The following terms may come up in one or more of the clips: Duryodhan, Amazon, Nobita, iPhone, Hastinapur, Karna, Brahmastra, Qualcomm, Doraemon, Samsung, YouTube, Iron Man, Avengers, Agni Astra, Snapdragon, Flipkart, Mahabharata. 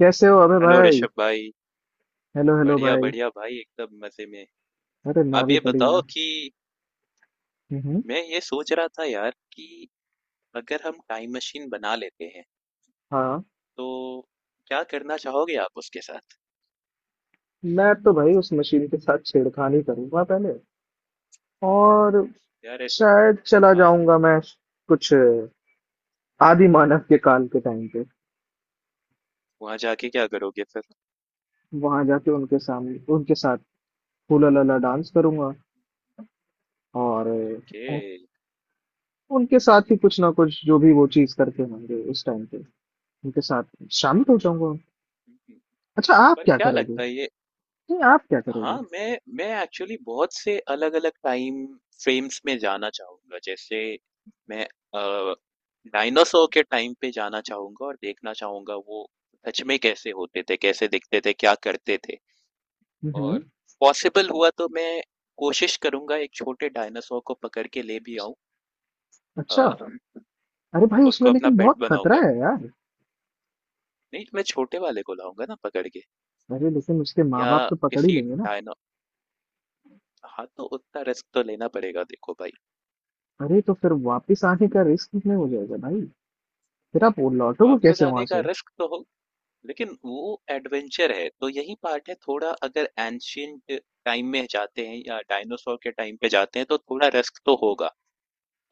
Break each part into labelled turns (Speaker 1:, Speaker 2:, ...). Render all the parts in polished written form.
Speaker 1: कैसे हो अबे
Speaker 2: हेलो
Speaker 1: भाई।
Speaker 2: ऋषभ भाई।
Speaker 1: हेलो हेलो
Speaker 2: बढ़िया
Speaker 1: भाई।
Speaker 2: बढ़िया भाई, एकदम मजे में।
Speaker 1: अरे मैं
Speaker 2: आप
Speaker 1: भी
Speaker 2: ये बताओ
Speaker 1: बढ़िया।
Speaker 2: कि
Speaker 1: हम्म।
Speaker 2: मैं ये सोच रहा था यार कि अगर हम टाइम मशीन बना लेते हैं
Speaker 1: हाँ,
Speaker 2: तो क्या करना चाहोगे आप उसके साथ।
Speaker 1: मैं तो भाई उस मशीन के साथ छेड़खानी करूंगा पहले। और
Speaker 2: यार ऐस-
Speaker 1: शायद चला
Speaker 2: हाँ,
Speaker 1: जाऊंगा मैं कुछ आदि मानव के काल के टाइम पे।
Speaker 2: वहां जाके क्या करोगे फिर?
Speaker 1: वहां जाके उनके सामने उनके साथ हुला लला डांस करूंगा। और
Speaker 2: ओके,
Speaker 1: उनके साथ ही कुछ ना कुछ जो भी वो चीज करते होंगे उस टाइम पे उनके साथ शामिल हो जाऊंगा। अच्छा, आप
Speaker 2: पर
Speaker 1: क्या
Speaker 2: क्या
Speaker 1: करोगे?
Speaker 2: लगता है ये?
Speaker 1: नहीं, आप क्या करोगे?
Speaker 2: हाँ, मैं एक्चुअली बहुत से अलग-अलग टाइम फ्रेम्स में जाना चाहूँगा। जैसे मैं डायनासोर के टाइम पे जाना चाहूँगा और देखना चाहूँगा वो सच में कैसे होते थे, कैसे दिखते थे, क्या करते थे? और
Speaker 1: हम्म।
Speaker 2: पॉसिबल हुआ तो मैं कोशिश करूँगा एक छोटे डायनासोर को पकड़ के ले भी आऊँ। अ,
Speaker 1: अच्छा। अरे भाई उसमें
Speaker 2: उसको अपना
Speaker 1: लेकिन
Speaker 2: पेट
Speaker 1: बहुत खतरा
Speaker 2: बनाऊँगा।
Speaker 1: है यार।
Speaker 2: नहीं, मैं छोटे वाले को लाऊँगा ना पकड़ के।
Speaker 1: अरे लेकिन उसके माँ
Speaker 2: या
Speaker 1: बाप तो पकड़ ही
Speaker 2: किसी
Speaker 1: लेंगे ना।
Speaker 2: डायना हाँ, तो उतना रिस्क तो लेना पड़ेगा देखो भाई,
Speaker 1: अरे तो फिर वापस आने का रिस्क कितने हो जाएगा भाई। फिर आप वो लौटोगे
Speaker 2: वापस
Speaker 1: कैसे
Speaker 2: आने
Speaker 1: वहां
Speaker 2: का
Speaker 1: से?
Speaker 2: रिस्क तो हो, लेकिन वो एडवेंचर है, तो यही पार्ट है थोड़ा। अगर एन्शिएंट टाइम में जाते हैं या डायनासोर के टाइम पे जाते हैं, तो थोड़ा रिस्क तो होगा।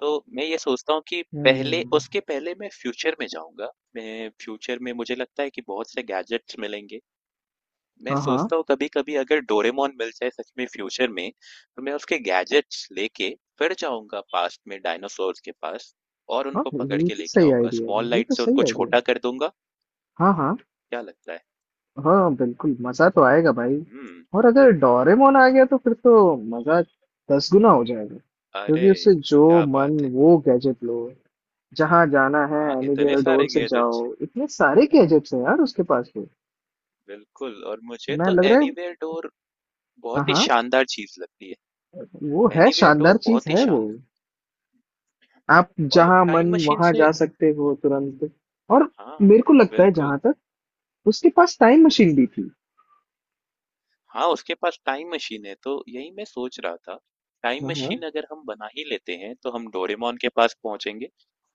Speaker 2: तो मैं ये सोचता हूँ कि पहले
Speaker 1: हम्म।
Speaker 2: उसके पहले मैं फ्यूचर में जाऊँगा। मैं फ्यूचर में मुझे लगता है कि बहुत से गैजेट्स मिलेंगे। मैं
Speaker 1: हाँ हाँ।
Speaker 2: सोचता हूँ कभी-कभी अगर डोरेमोन मिल जाए सच में फ्यूचर में, तो मैं उसके गैजेट्स लेके फिर जाऊँगा पास्ट में डायनासोर्स के पास और
Speaker 1: हाँ,
Speaker 2: उनको पकड़
Speaker 1: ये
Speaker 2: के
Speaker 1: तो
Speaker 2: लेके
Speaker 1: सही
Speaker 2: आऊँगा।
Speaker 1: आइडिया है,
Speaker 2: स्मॉल
Speaker 1: ये
Speaker 2: लाइट
Speaker 1: तो
Speaker 2: से
Speaker 1: सही
Speaker 2: उनको
Speaker 1: आइडिया है।
Speaker 2: छोटा कर दूँगा,
Speaker 1: हाँ हाँ।
Speaker 2: क्या लगता है?
Speaker 1: हाँ बिल्कुल, मजा तो आएगा भाई।
Speaker 2: हुँ।
Speaker 1: और अगर डोरेमोन आ गया तो फिर तो मजा 10 गुना हो जाएगा।
Speaker 2: अरे,
Speaker 1: क्योंकि उससे जो
Speaker 2: क्या बात
Speaker 1: मन
Speaker 2: है।
Speaker 1: वो गैजेट लो, जहाँ जाना है
Speaker 2: हाँ, इतने
Speaker 1: एनीवेयर डोर
Speaker 2: सारे
Speaker 1: से जाओ,
Speaker 2: गैजेट्स है।
Speaker 1: इतने सारे गैजेट्स हैं यार
Speaker 2: हम्म,
Speaker 1: उसके पास तो।
Speaker 2: बिल्कुल। और मुझे
Speaker 1: मैं,
Speaker 2: तो
Speaker 1: लग रहा है।
Speaker 2: एनीवेयर डोर
Speaker 1: हाँ
Speaker 2: बहुत ही
Speaker 1: हाँ।
Speaker 2: शानदार चीज लगती
Speaker 1: वो
Speaker 2: है।
Speaker 1: है,
Speaker 2: एनीवेयर
Speaker 1: शानदार
Speaker 2: डोर
Speaker 1: चीज
Speaker 2: बहुत ही
Speaker 1: है वो।
Speaker 2: शानदार।
Speaker 1: आप
Speaker 2: और
Speaker 1: जहां मन
Speaker 2: टाइम मशीन
Speaker 1: वहां
Speaker 2: से
Speaker 1: जा सकते हो तुरंत। और
Speaker 2: हाँ,
Speaker 1: मेरे को लगता है
Speaker 2: बिल्कुल।
Speaker 1: जहां तक, उसके पास टाइम मशीन भी थी।
Speaker 2: हाँ, उसके पास टाइम मशीन है तो यही मैं सोच रहा था। टाइम
Speaker 1: हाँ हाँ।
Speaker 2: मशीन अगर हम बना ही लेते हैं तो हम डोरेमोन के पास पहुंचेंगे।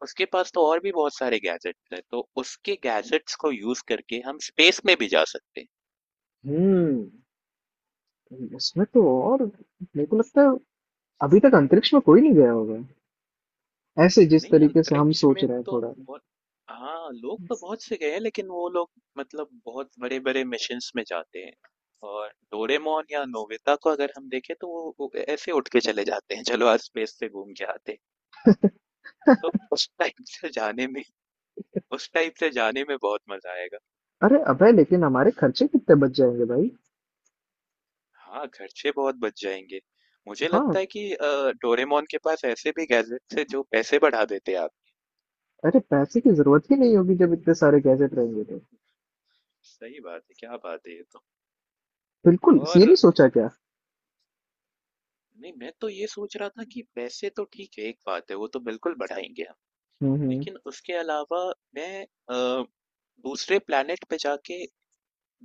Speaker 2: उसके पास तो और भी बहुत सारे गैजेट्स हैं तो उसके गैजेट्स को यूज करके हम स्पेस में भी जा सकते हैं।
Speaker 1: हम्म उसमें तो, और मेरे को लगता है अभी तक अंतरिक्ष में कोई नहीं गया होगा ऐसे, जिस
Speaker 2: नहीं,
Speaker 1: तरीके से हम
Speaker 2: अंतरिक्ष
Speaker 1: सोच
Speaker 2: में
Speaker 1: रहे हैं
Speaker 2: तो
Speaker 1: थोड़ा।
Speaker 2: बहुत हाँ, लोग तो बहुत से गए हैं लेकिन वो लोग मतलब बहुत बड़े-बड़े मिशंस में जाते हैं। और डोरेमोन या नोबिता को अगर हम देखें तो वो ऐसे उठ के चले जाते हैं, चलो आज स्पेस से घूम के आते हैं। तो उस टाइप से जाने में उस टाइप से जाने में बहुत मजा आएगा।
Speaker 1: अरे अबे लेकिन हमारे खर्चे कितने बच जाएंगे भाई।
Speaker 2: हाँ, खर्चे बहुत बच जाएंगे। मुझे
Speaker 1: हाँ।
Speaker 2: लगता है कि डोरेमोन के पास ऐसे भी गैजेट्स हैं जो पैसे बढ़ा देते हैं आप।
Speaker 1: अरे पैसे की जरूरत ही नहीं होगी जब इतने सारे गैजेट रहेंगे तो।
Speaker 2: सही बात है, क्या बात है ये तो।
Speaker 1: बिल्कुल, ये
Speaker 2: और
Speaker 1: नहीं सोचा क्या।
Speaker 2: नहीं, मैं तो ये सोच रहा था कि पैसे तो ठीक है, एक बात है, वो तो बिल्कुल बढ़ाएँगे हम।
Speaker 1: हम्म।
Speaker 2: लेकिन उसके अलावा मैं अ, दूसरे प्लैनेट पे जाके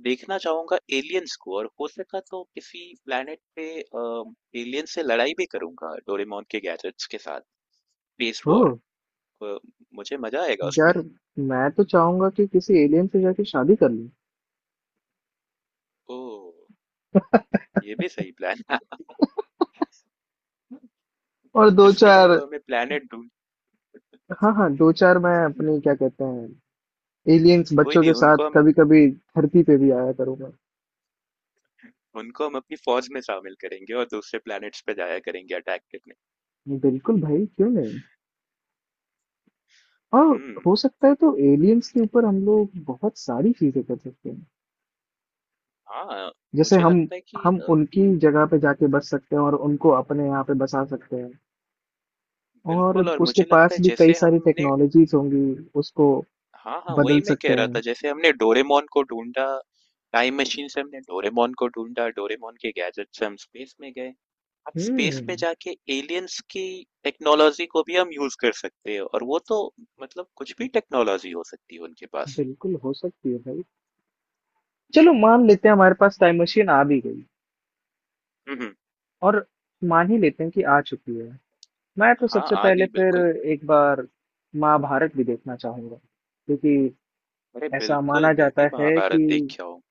Speaker 2: देखना चाहूँगा एलियंस को और हो सका तो किसी प्लैनेट पे एलियंस से लड़ाई भी करूँगा डोरेमोन के गैजेट्स के साथ, स्पेस
Speaker 1: ओ।
Speaker 2: वॉर। अ, मुझे मज़ा आएगा उसमें।
Speaker 1: यार मैं तो चाहूंगा कि किसी एलियन से जाके शादी कर लूं।
Speaker 2: ओह! ये भी सही प्लान है।
Speaker 1: और दो
Speaker 2: इसके लिए
Speaker 1: चार,
Speaker 2: तो हमें प्लैनेट
Speaker 1: हाँ हाँ, दो
Speaker 2: ढूँढना
Speaker 1: चार मैं अपनी क्या कहते हैं एलियंस
Speaker 2: कोई
Speaker 1: बच्चों
Speaker 2: नहीं,
Speaker 1: के साथ कभी कभी धरती पे भी आया करूंगा।
Speaker 2: उनको हम अपनी फ़ौज में शामिल करेंगे और दूसरे प्लैनेट्स पे जाया करेंगे अटैक करने।
Speaker 1: बिल्कुल भाई, क्यों नहीं। और
Speaker 2: हुँ,
Speaker 1: हो सकता है तो एलियंस के ऊपर हम लोग बहुत सारी चीजें कर सकते हैं।
Speaker 2: हाँ,
Speaker 1: जैसे
Speaker 2: मुझे
Speaker 1: हम
Speaker 2: लगता है कि
Speaker 1: हम उनकी जगह पे जाके बस सकते हैं और उनको अपने यहाँ पे बसा सकते हैं। और
Speaker 2: बिल्कुल। और
Speaker 1: उसके
Speaker 2: मुझे लगता
Speaker 1: पास
Speaker 2: है
Speaker 1: भी कई
Speaker 2: जैसे
Speaker 1: सारी
Speaker 2: हमने
Speaker 1: टेक्नोलॉजीज होंगी, उसको
Speaker 2: हाँ, हाँ, वही
Speaker 1: बदल
Speaker 2: मैं
Speaker 1: सकते
Speaker 2: कह रहा था
Speaker 1: हैं।
Speaker 2: जैसे हमने डोरेमोन को ढूँढा, टाइम मशीन से हमने डोरेमोन को ढूँढा, डोरेमोन के गैजेट से हम स्पेस में गए। अब स्पेस में
Speaker 1: हम्म।
Speaker 2: जाके एलियंस की टेक्नोलॉज़ी को भी हम यूज़ कर सकते हैं और वो तो मतलब कुछ भी टेक्नोलॉज़ी हो सकती है उनके पास।
Speaker 1: बिल्कुल हो सकती है भाई। चलो मान लेते हैं हमारे पास टाइम मशीन आ भी गई।
Speaker 2: हुँ, हुँ।
Speaker 1: और मान ही लेते हैं कि आ चुकी है। मैं तो
Speaker 2: हाँ,
Speaker 1: सबसे
Speaker 2: आ
Speaker 1: पहले
Speaker 2: गई
Speaker 1: फिर
Speaker 2: बिल्कुल।
Speaker 1: एक बार महाभारत भी देखना चाहूंगा। क्योंकि
Speaker 2: अरे
Speaker 1: ऐसा माना
Speaker 2: बिल्कुल, मैं
Speaker 1: जाता
Speaker 2: भी
Speaker 1: है कि,
Speaker 2: महाभारत देख के आऊँ।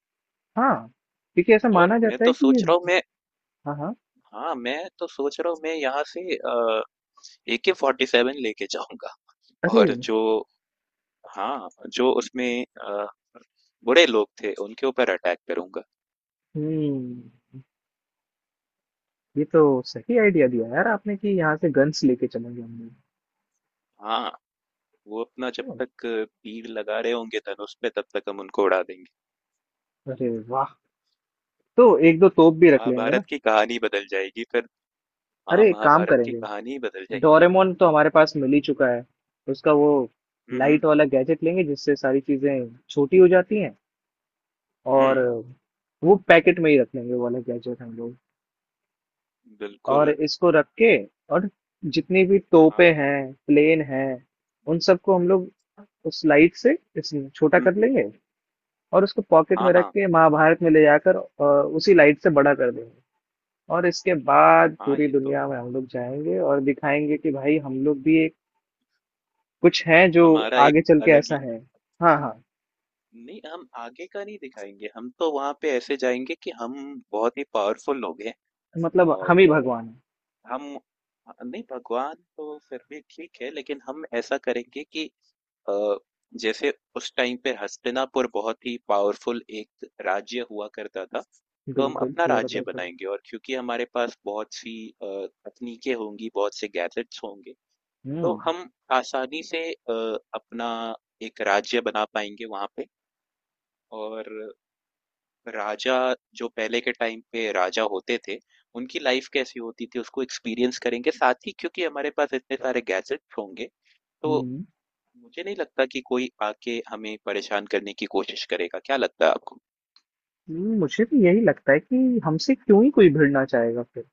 Speaker 1: हाँ, क्योंकि ऐसा
Speaker 2: और
Speaker 1: माना
Speaker 2: मैं
Speaker 1: जाता है
Speaker 2: तो
Speaker 1: कि ये।
Speaker 2: सोच रहा हूँ मैं
Speaker 1: हाँ हाँ।
Speaker 2: हाँ, मैं तो सोच रहा हूँ मैं यहाँ से AK-47 लेके जाऊंगा
Speaker 1: अरे।
Speaker 2: और जो हाँ जो उसमें अ, बुरे लोग थे उनके ऊपर अटैक करूंगा।
Speaker 1: हम्म। ये तो सही आइडिया दिया यार आपने, कि यहाँ से गन्स लेके चलेंगे हम लोग।
Speaker 2: हाँ, वो अपना जब
Speaker 1: ओह,
Speaker 2: तक तीर लगा रहे होंगे धनुष पे तब तक हम उनको उड़ा देंगे।
Speaker 1: अरे वाह। तो एक दो तोप भी रख लेंगे ना।
Speaker 2: महाभारत की कहानी बदल जाएगी फिर। हाँ,
Speaker 1: अरे एक काम
Speaker 2: महाभारत की
Speaker 1: करेंगे,
Speaker 2: कहानी ही बदल जाएगी।
Speaker 1: डोरेमोन तो हमारे पास मिल ही चुका है। उसका वो
Speaker 2: हम्म
Speaker 1: लाइट वाला गैजेट लेंगे जिससे सारी चीजें छोटी हो जाती हैं। और
Speaker 2: हम्म,
Speaker 1: वो पैकेट में ही रख लेंगे वो वाला गैजेट हम लोग। और
Speaker 2: बिल्कुल।
Speaker 1: इसको रख के, और जितनी भी
Speaker 2: हाँ।
Speaker 1: तोपें हैं, प्लेन हैं,
Speaker 2: हम्म,
Speaker 1: उन सबको हम लोग उस लाइट से इस छोटा
Speaker 2: हम्म,
Speaker 1: कर लेंगे। और उसको पॉकेट
Speaker 2: हाँ
Speaker 1: में रख
Speaker 2: हाँ।
Speaker 1: के महाभारत में ले जाकर उसी लाइट से बड़ा कर देंगे। और इसके बाद
Speaker 2: हाँ,
Speaker 1: पूरी
Speaker 2: ये तो
Speaker 1: दुनिया में हम लोग जाएंगे और दिखाएंगे कि भाई हम लोग भी एक कुछ है जो
Speaker 2: हमारा एक
Speaker 1: आगे चल के
Speaker 2: अलग
Speaker 1: ऐसा
Speaker 2: ही
Speaker 1: है। हाँ हाँ।
Speaker 2: नहीं, हम आगे का नहीं दिखाएँगे, हम तो वहाँ पे ऐसे जाएँगे कि हम बहुत ही पावरफुल लोग हैं।
Speaker 1: मतलब
Speaker 2: और
Speaker 1: हम ही भगवान हैं।
Speaker 2: हम हम नहीं भगवान तो फिर भी ठीक है लेकिन हम ऐसा करेंगे कि अ, जैसे उस टाइम पे हस्तिनापुर बहुत ही पावरफुल एक राज्य हुआ करता था, तो हम
Speaker 1: बिल्कुल
Speaker 2: अपना
Speaker 1: पूरा
Speaker 2: राज्य
Speaker 1: बिल्कुल।
Speaker 2: बनाएँगे और क्योंकि हमारे पास बहुत सी तकनीकें होंगी, बहुत से गैजेट्स होंगे, तो
Speaker 1: हम्म
Speaker 2: हम आसानी से अपना एक राज्य बना पाएँगे वहाँ पे। और राजा जो पहले के टाइम पे राजा होते थे, उनकी लाइफ कैसी होती थी उसको एक्सपीरियंस करेंगे साथ ही, क्योंकि हमारे पास इतने सारे गैजेट्स होंगे। तो
Speaker 1: हम्म।
Speaker 2: मुझे नहीं लगता कि कोई आके हमें परेशान करने की कोशिश करेगा, क्या लगता है आपको?
Speaker 1: मुझे भी यही लगता है कि हमसे क्यों ही कोई भिड़ना चाहेगा फिर।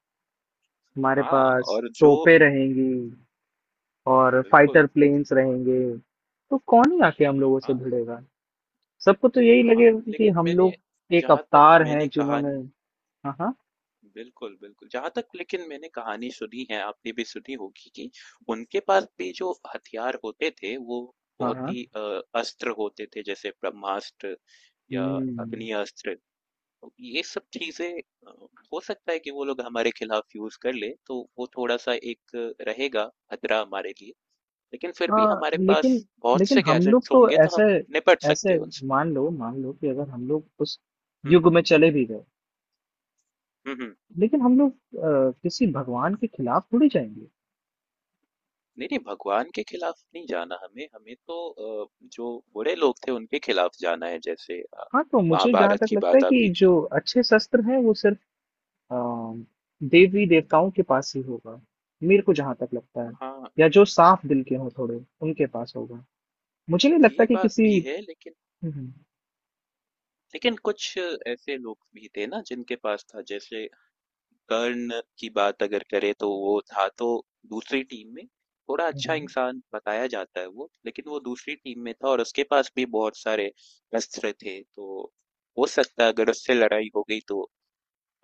Speaker 1: हमारे
Speaker 2: हाँ।
Speaker 1: पास
Speaker 2: और जो
Speaker 1: तोपें रहेंगी और फाइटर
Speaker 2: बिल्कुल
Speaker 1: प्लेन्स रहेंगे, तो कौन ही आके हम लोगों से
Speaker 2: हाँ,
Speaker 1: भिड़ेगा। सबको तो यही
Speaker 2: हाँ,
Speaker 1: लगेगा कि
Speaker 2: लेकिन
Speaker 1: हम
Speaker 2: मैंने
Speaker 1: लोग एक
Speaker 2: जहां तक
Speaker 1: अवतार हैं
Speaker 2: मैंने
Speaker 1: जिन्होंने।
Speaker 2: कहानी
Speaker 1: हाँ हाँ।
Speaker 2: बिल्कुल, बिल्कुल। जहाँ तक लेकिन मैंने कहानी सुनी है, आपने भी सुनी होगी कि उनके पास भी जो हथियार होते थे, वो
Speaker 1: हाँ
Speaker 2: बहुत
Speaker 1: हाँ।
Speaker 2: ही अस्त्र होते थे जैसे ब्रह्मास्त्र या
Speaker 1: हम्म।
Speaker 2: अग्नि अस्त्र। तो ये सब चीज़ें अ, हो सकता है कि वो लोग हमारे खिलाफ यूज़ कर लें, तो वो थोड़ा-सा एक रहेगा खतरा हमारे लिए। लेकिन फिर भी
Speaker 1: हाँ
Speaker 2: हमारे पास
Speaker 1: लेकिन,
Speaker 2: बहुत
Speaker 1: लेकिन
Speaker 2: से
Speaker 1: हम लोग
Speaker 2: गैजेट्स
Speaker 1: तो
Speaker 2: होंगे तो
Speaker 1: ऐसे,
Speaker 2: हम निपट सकते
Speaker 1: ऐसे,
Speaker 2: हैं उनसे।
Speaker 1: मान लो कि अगर हम लोग उस
Speaker 2: हुँ।
Speaker 1: युग में चले भी गए।
Speaker 2: हुँ, हुँ।
Speaker 1: लेकिन हम लोग किसी भगवान के खिलाफ थोड़ी जाएंगे।
Speaker 2: नहीं नहीं, भगवान के खिलाफ नहीं जाना हमें। हमें तो अ, जो बड़े लोग थे उनके खिलाफ जाना है जैसे
Speaker 1: हाँ, तो मुझे जहाँ
Speaker 2: महाभारत
Speaker 1: तक
Speaker 2: की
Speaker 1: लगता है
Speaker 2: बात
Speaker 1: कि
Speaker 2: आपने की।
Speaker 1: जो अच्छे शस्त्र हैं वो सिर्फ अ, देवी देवताओं के पास ही होगा। मेरे को जहाँ तक लगता है।
Speaker 2: हाँ,
Speaker 1: या जो साफ दिल के हों थोड़े उनके पास होगा। मुझे नहीं लगता
Speaker 2: ये
Speaker 1: कि
Speaker 2: बात
Speaker 1: किसी।
Speaker 2: भी है लेकिन
Speaker 1: हम्म
Speaker 2: लेकिन कुछ ऐसे लोग भी थे ना जिनके पास था, जैसे कर्ण की बात अगर करें तो वो था तो दूसरी टीम में। थोड़ा
Speaker 1: हम्म।
Speaker 2: अच्छा इंसान बताया जाता है वो, लेकिन वो दूसरी टीम में था और उसके पास भी बहुत सारे अस्त्र थे। तो हो सकता है अगर उससे लड़ाई हो गई तो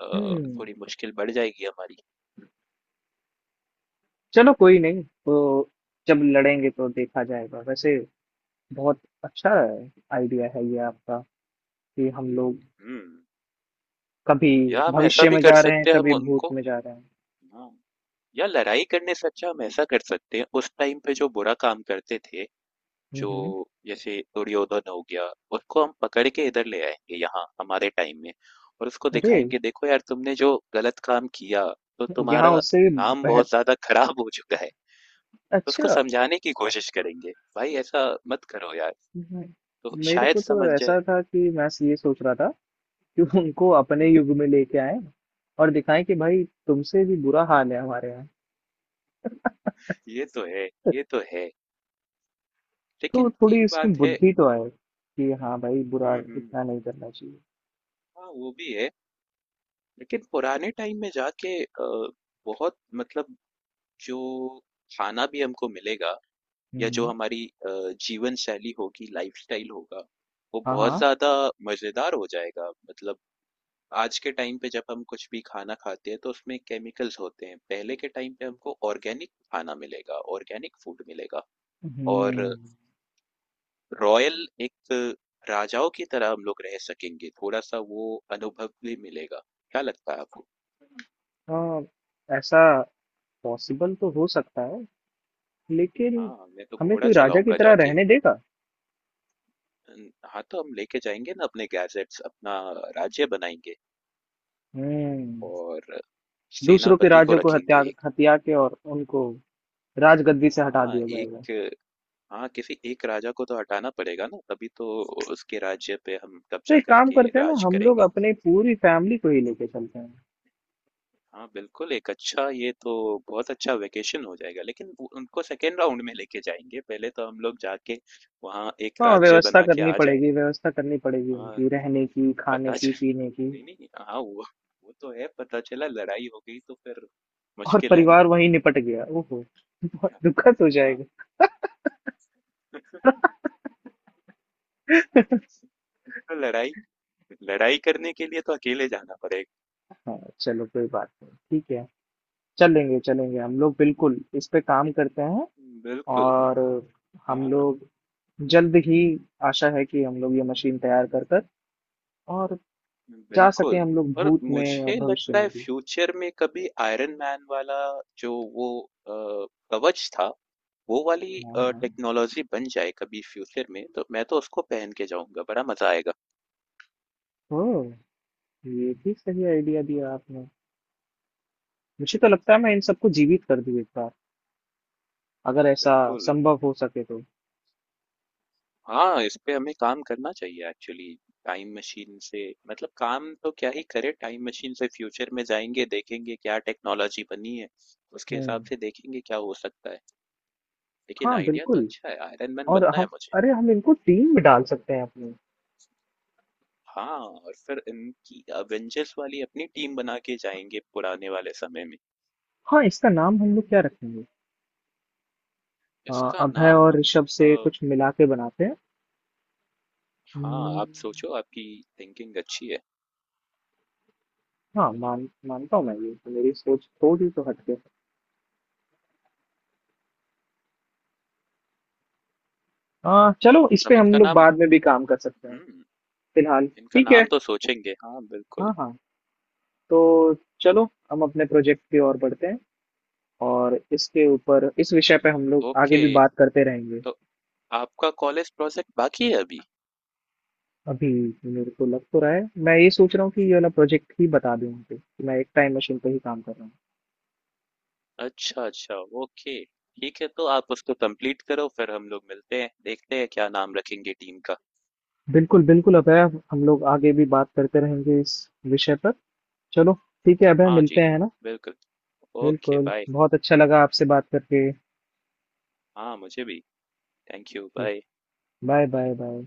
Speaker 2: अ,
Speaker 1: हम्म।
Speaker 2: थोड़ी मुश्किल बढ़ जाएगी हमारी।
Speaker 1: चलो कोई नहीं तो, जब लड़ेंगे तो देखा जाएगा वैसे। बहुत अच्छा आइडिया है ये आपका, कि हम लोग
Speaker 2: हुँ।
Speaker 1: कभी
Speaker 2: या हम ऐसा
Speaker 1: भविष्य
Speaker 2: भी
Speaker 1: में
Speaker 2: कर
Speaker 1: जा रहे हैं,
Speaker 2: सकते हैं, हम
Speaker 1: कभी भूत
Speaker 2: उनको
Speaker 1: में जा रहे हैं।
Speaker 2: हाँ, या लड़ाई करने से अच्छा हम ऐसा कर सकते हैं, उस टाइम पे जो बुरा काम करते थे, जो
Speaker 1: हम्म।
Speaker 2: जैसे दुर्योधन हो गया, उसको हम पकड़ के इधर ले आएँगे यहाँ हमारे टाइम में और उसको
Speaker 1: अरे
Speaker 2: दिखाएँगे, देखो यार तुमने जो गलत काम किया, तो
Speaker 1: यहाँ
Speaker 2: तुम्हारा
Speaker 1: उससे भी
Speaker 2: नाम
Speaker 1: बेहतर।
Speaker 2: बहुत ज़्यादा खराब हो चुका है। तो उसको
Speaker 1: अच्छा।
Speaker 2: समझाने की कोशिश करेंगे, भाई ऐसा मत करो यार,
Speaker 1: हम्म,
Speaker 2: तो
Speaker 1: मेरे
Speaker 2: शायद
Speaker 1: को तो
Speaker 2: समझ जाए।
Speaker 1: ऐसा था कि मैं ये सोच रहा था कि उनको अपने
Speaker 2: हुँ,
Speaker 1: युग में लेके आए। और दिखाएं कि भाई तुमसे भी बुरा हाल है हमारे यहाँ।
Speaker 2: ये तो है, ये तो है।
Speaker 1: तो
Speaker 2: लेकिन
Speaker 1: थोड़ी
Speaker 2: एक
Speaker 1: इसमें
Speaker 2: बात है
Speaker 1: बुद्धि तो आए, कि हाँ भाई बुरा
Speaker 2: हुँ, हुँ।
Speaker 1: इतना नहीं करना चाहिए।
Speaker 2: हाँ, वो भी है। लेकिन पुराने टाइम में जाके बहुत मतलब जो खाना भी हमको मिलेगा या जो
Speaker 1: हम्म।
Speaker 2: हमारी जीवन शैली होगी, लाइफस्टाइल होगा, वो
Speaker 1: हाँ
Speaker 2: बहुत
Speaker 1: हाँ।
Speaker 2: ज्यादा मजेदार हो जाएगा। मतलब आज के टाइम पे जब हम कुछ भी खाना खाते हैं तो उसमें केमिकल्स होते हैं। पहले के टाइम पे हमको ऑर्गेनिक खाना मिलेगा, ऑर्गेनिक फूड मिलेगा। और
Speaker 1: हम्म।
Speaker 2: रॉयल एक राजाओं की तरह हम लोग रह सकेंगे। थोड़ा सा वो अनुभव भी मिलेगा। क्या लगता है आपको?
Speaker 1: हाँ। ऐसा पॉसिबल तो हो सकता है, लेकिन
Speaker 2: हाँ, मैं तो
Speaker 1: हमें
Speaker 2: घोड़ा
Speaker 1: कोई राजा की
Speaker 2: चलाऊँगा
Speaker 1: तरह
Speaker 2: जाके।
Speaker 1: रहने देगा?
Speaker 2: अन हाँ, तो हम लेके जाएँगे ना अपने गैजेट्स, अपना राज्य बनाएँगे
Speaker 1: हम्म
Speaker 2: और
Speaker 1: दूसरों के
Speaker 2: सेनापति को
Speaker 1: राज्यों को
Speaker 2: रखेंगे
Speaker 1: हत्या हत्या के, और उनको राजगद्दी से हटा दिया जाएगा।
Speaker 2: एक हाँ, किसी एक राजा को तो हटाना पड़ेगा ना, तभी तो उसके राज्य पे हम
Speaker 1: तो
Speaker 2: कब्ज़ा
Speaker 1: एक काम
Speaker 2: करके
Speaker 1: करते हैं ना,
Speaker 2: राज
Speaker 1: हम लोग
Speaker 2: करेंगे।
Speaker 1: अपने पूरी फैमिली को ही लेके चलते हैं।
Speaker 2: हाँ, बिल्कुल। एक अच्छा ये तो बहुत अच्छा वेकेशन हो जाएगा, लेकिन वो उनको सेकंड राउंड में लेके जाएँगे, पहले तो हम लोग जाके वहाँ एक
Speaker 1: हाँ,
Speaker 2: राज्य
Speaker 1: व्यवस्था
Speaker 2: बना के
Speaker 1: करनी
Speaker 2: आ जाएँ।
Speaker 1: पड़ेगी, व्यवस्था करनी पड़ेगी
Speaker 2: हाँ,
Speaker 1: उनकी रहने की, खाने
Speaker 2: पता चल
Speaker 1: की, पीने की।
Speaker 2: नहीं, नहीं हाँ, वो तो है। पता चला लड़ाई हो गई तो फिर
Speaker 1: और
Speaker 2: मुश्किल है ना।
Speaker 1: परिवार वहीं निपट गया, ओहो बहुत दुखद हो
Speaker 2: हाँ,
Speaker 1: जाएगा।
Speaker 2: तो लड़ाई लड़ाई करने के लिए तो अकेले जाना पड़ेगा।
Speaker 1: हाँ चलो, कोई बात नहीं। ठीक है। चलेंगे चलेंगे हम लोग, बिल्कुल इस पे काम करते हैं।
Speaker 2: बिल्कुल।
Speaker 1: और हम
Speaker 2: हाँ,
Speaker 1: लोग जल्द ही, आशा है कि हम लोग ये मशीन तैयार कर कर और जा सके
Speaker 2: बिल्कुल।
Speaker 1: हम लोग
Speaker 2: और
Speaker 1: भूत में और
Speaker 2: मुझे
Speaker 1: भविष्य
Speaker 2: लगता है
Speaker 1: में भी।
Speaker 2: फ्यूचर में कभी आयरन मैन वाला जो वो कवच था वो वाली
Speaker 1: हाँ हाँ।
Speaker 2: टेक्नोलॉजी बन जाए कभी फ्यूचर में तो मैं तो उसको पहन के जाऊंगा, बड़ा मजा आएगा।
Speaker 1: ओह, ये भी सही आइडिया दिया आपने। मुझे तो लगता है मैं इन
Speaker 2: हम्म,
Speaker 1: सबको जीवित कर दूं एक बार, अगर ऐसा
Speaker 2: बिल्कुल।
Speaker 1: संभव हो सके तो।
Speaker 2: हाँ, इस पे हमें काम करना चाहिए एक्चुअली। टाइम मशीन से मतलब काम तो क्या ही करें, टाइम मशीन से फ्यूचर में जाएँगे, देखेंगे क्या टेक्नोलॉजी बनी है, उसके हिसाब
Speaker 1: हम्म।
Speaker 2: से देखेंगे क्या हो सकता है। लेकिन
Speaker 1: हाँ
Speaker 2: आइडिया तो
Speaker 1: बिल्कुल।
Speaker 2: अच्छा है, आयरन मैन
Speaker 1: और
Speaker 2: बनना है
Speaker 1: हम,
Speaker 2: मुझे।
Speaker 1: अरे हम इनको टीम में डाल सकते हैं अपनी।
Speaker 2: हाँ, और फिर इनकी अवेंजर्स वाली अपनी टीम बना के जाएँगे पुराने वाले समय में।
Speaker 1: हाँ, इसका नाम हम लोग क्या रखेंगे? अ,
Speaker 2: इसका
Speaker 1: अभय
Speaker 2: नाम
Speaker 1: और
Speaker 2: हम
Speaker 1: ऋषभ
Speaker 2: अ,
Speaker 1: से कुछ मिला के बनाते हैं।
Speaker 2: हाँ,
Speaker 1: हम्म,
Speaker 2: आप सोचो, आपकी थिंकिंग अच्छी है।
Speaker 1: हाँ मानता हूँ मैं, ये तो मेरी सोच थोड़ी तो हटके। हाँ चलो, इस पे
Speaker 2: हम
Speaker 1: हम
Speaker 2: इनका
Speaker 1: लोग
Speaker 2: नाम
Speaker 1: बाद में भी काम कर सकते हैं
Speaker 2: हुँ,
Speaker 1: फिलहाल।
Speaker 2: इनका
Speaker 1: ठीक है।
Speaker 2: नाम तो सोचेंगे। हाँ, बिल्कुल।
Speaker 1: हाँ हाँ। तो चलो, हम अपने प्रोजेक्ट की ओर बढ़ते हैं। और इसके ऊपर, इस विषय पे हम लोग आगे
Speaker 2: ओके,
Speaker 1: भी बात करते रहेंगे।
Speaker 2: तो आपका कॉलेज प्रोजेक्ट बाकी है अभी?
Speaker 1: अभी। मेरे को लग तो रहा है, मैं ये सोच रहा हूँ कि ये वाला प्रोजेक्ट ही बता दूं उनको कि मैं एक टाइम मशीन पे ही काम कर रहा हूँ।
Speaker 2: अच्छा, अच्छा, ओके। ठीक है, तो आप उसको कंप्लीट करो, फिर हम लोग मिलते हैं, देखते हैं क्या नाम रखेंगे टीम का।
Speaker 1: बिल्कुल बिल्कुल अभय, हम लोग आगे भी बात करते रहेंगे इस विषय पर। चलो, ठीक है अभय,
Speaker 2: हाँ
Speaker 1: मिलते
Speaker 2: जी,
Speaker 1: हैं ना।
Speaker 2: बिल्कुल। ओके,
Speaker 1: बिल्कुल,
Speaker 2: बाय।
Speaker 1: बहुत अच्छा लगा आपसे बात करके।
Speaker 2: हाँ, मुझे भी। Thank you, bye.
Speaker 1: Bye bye bye.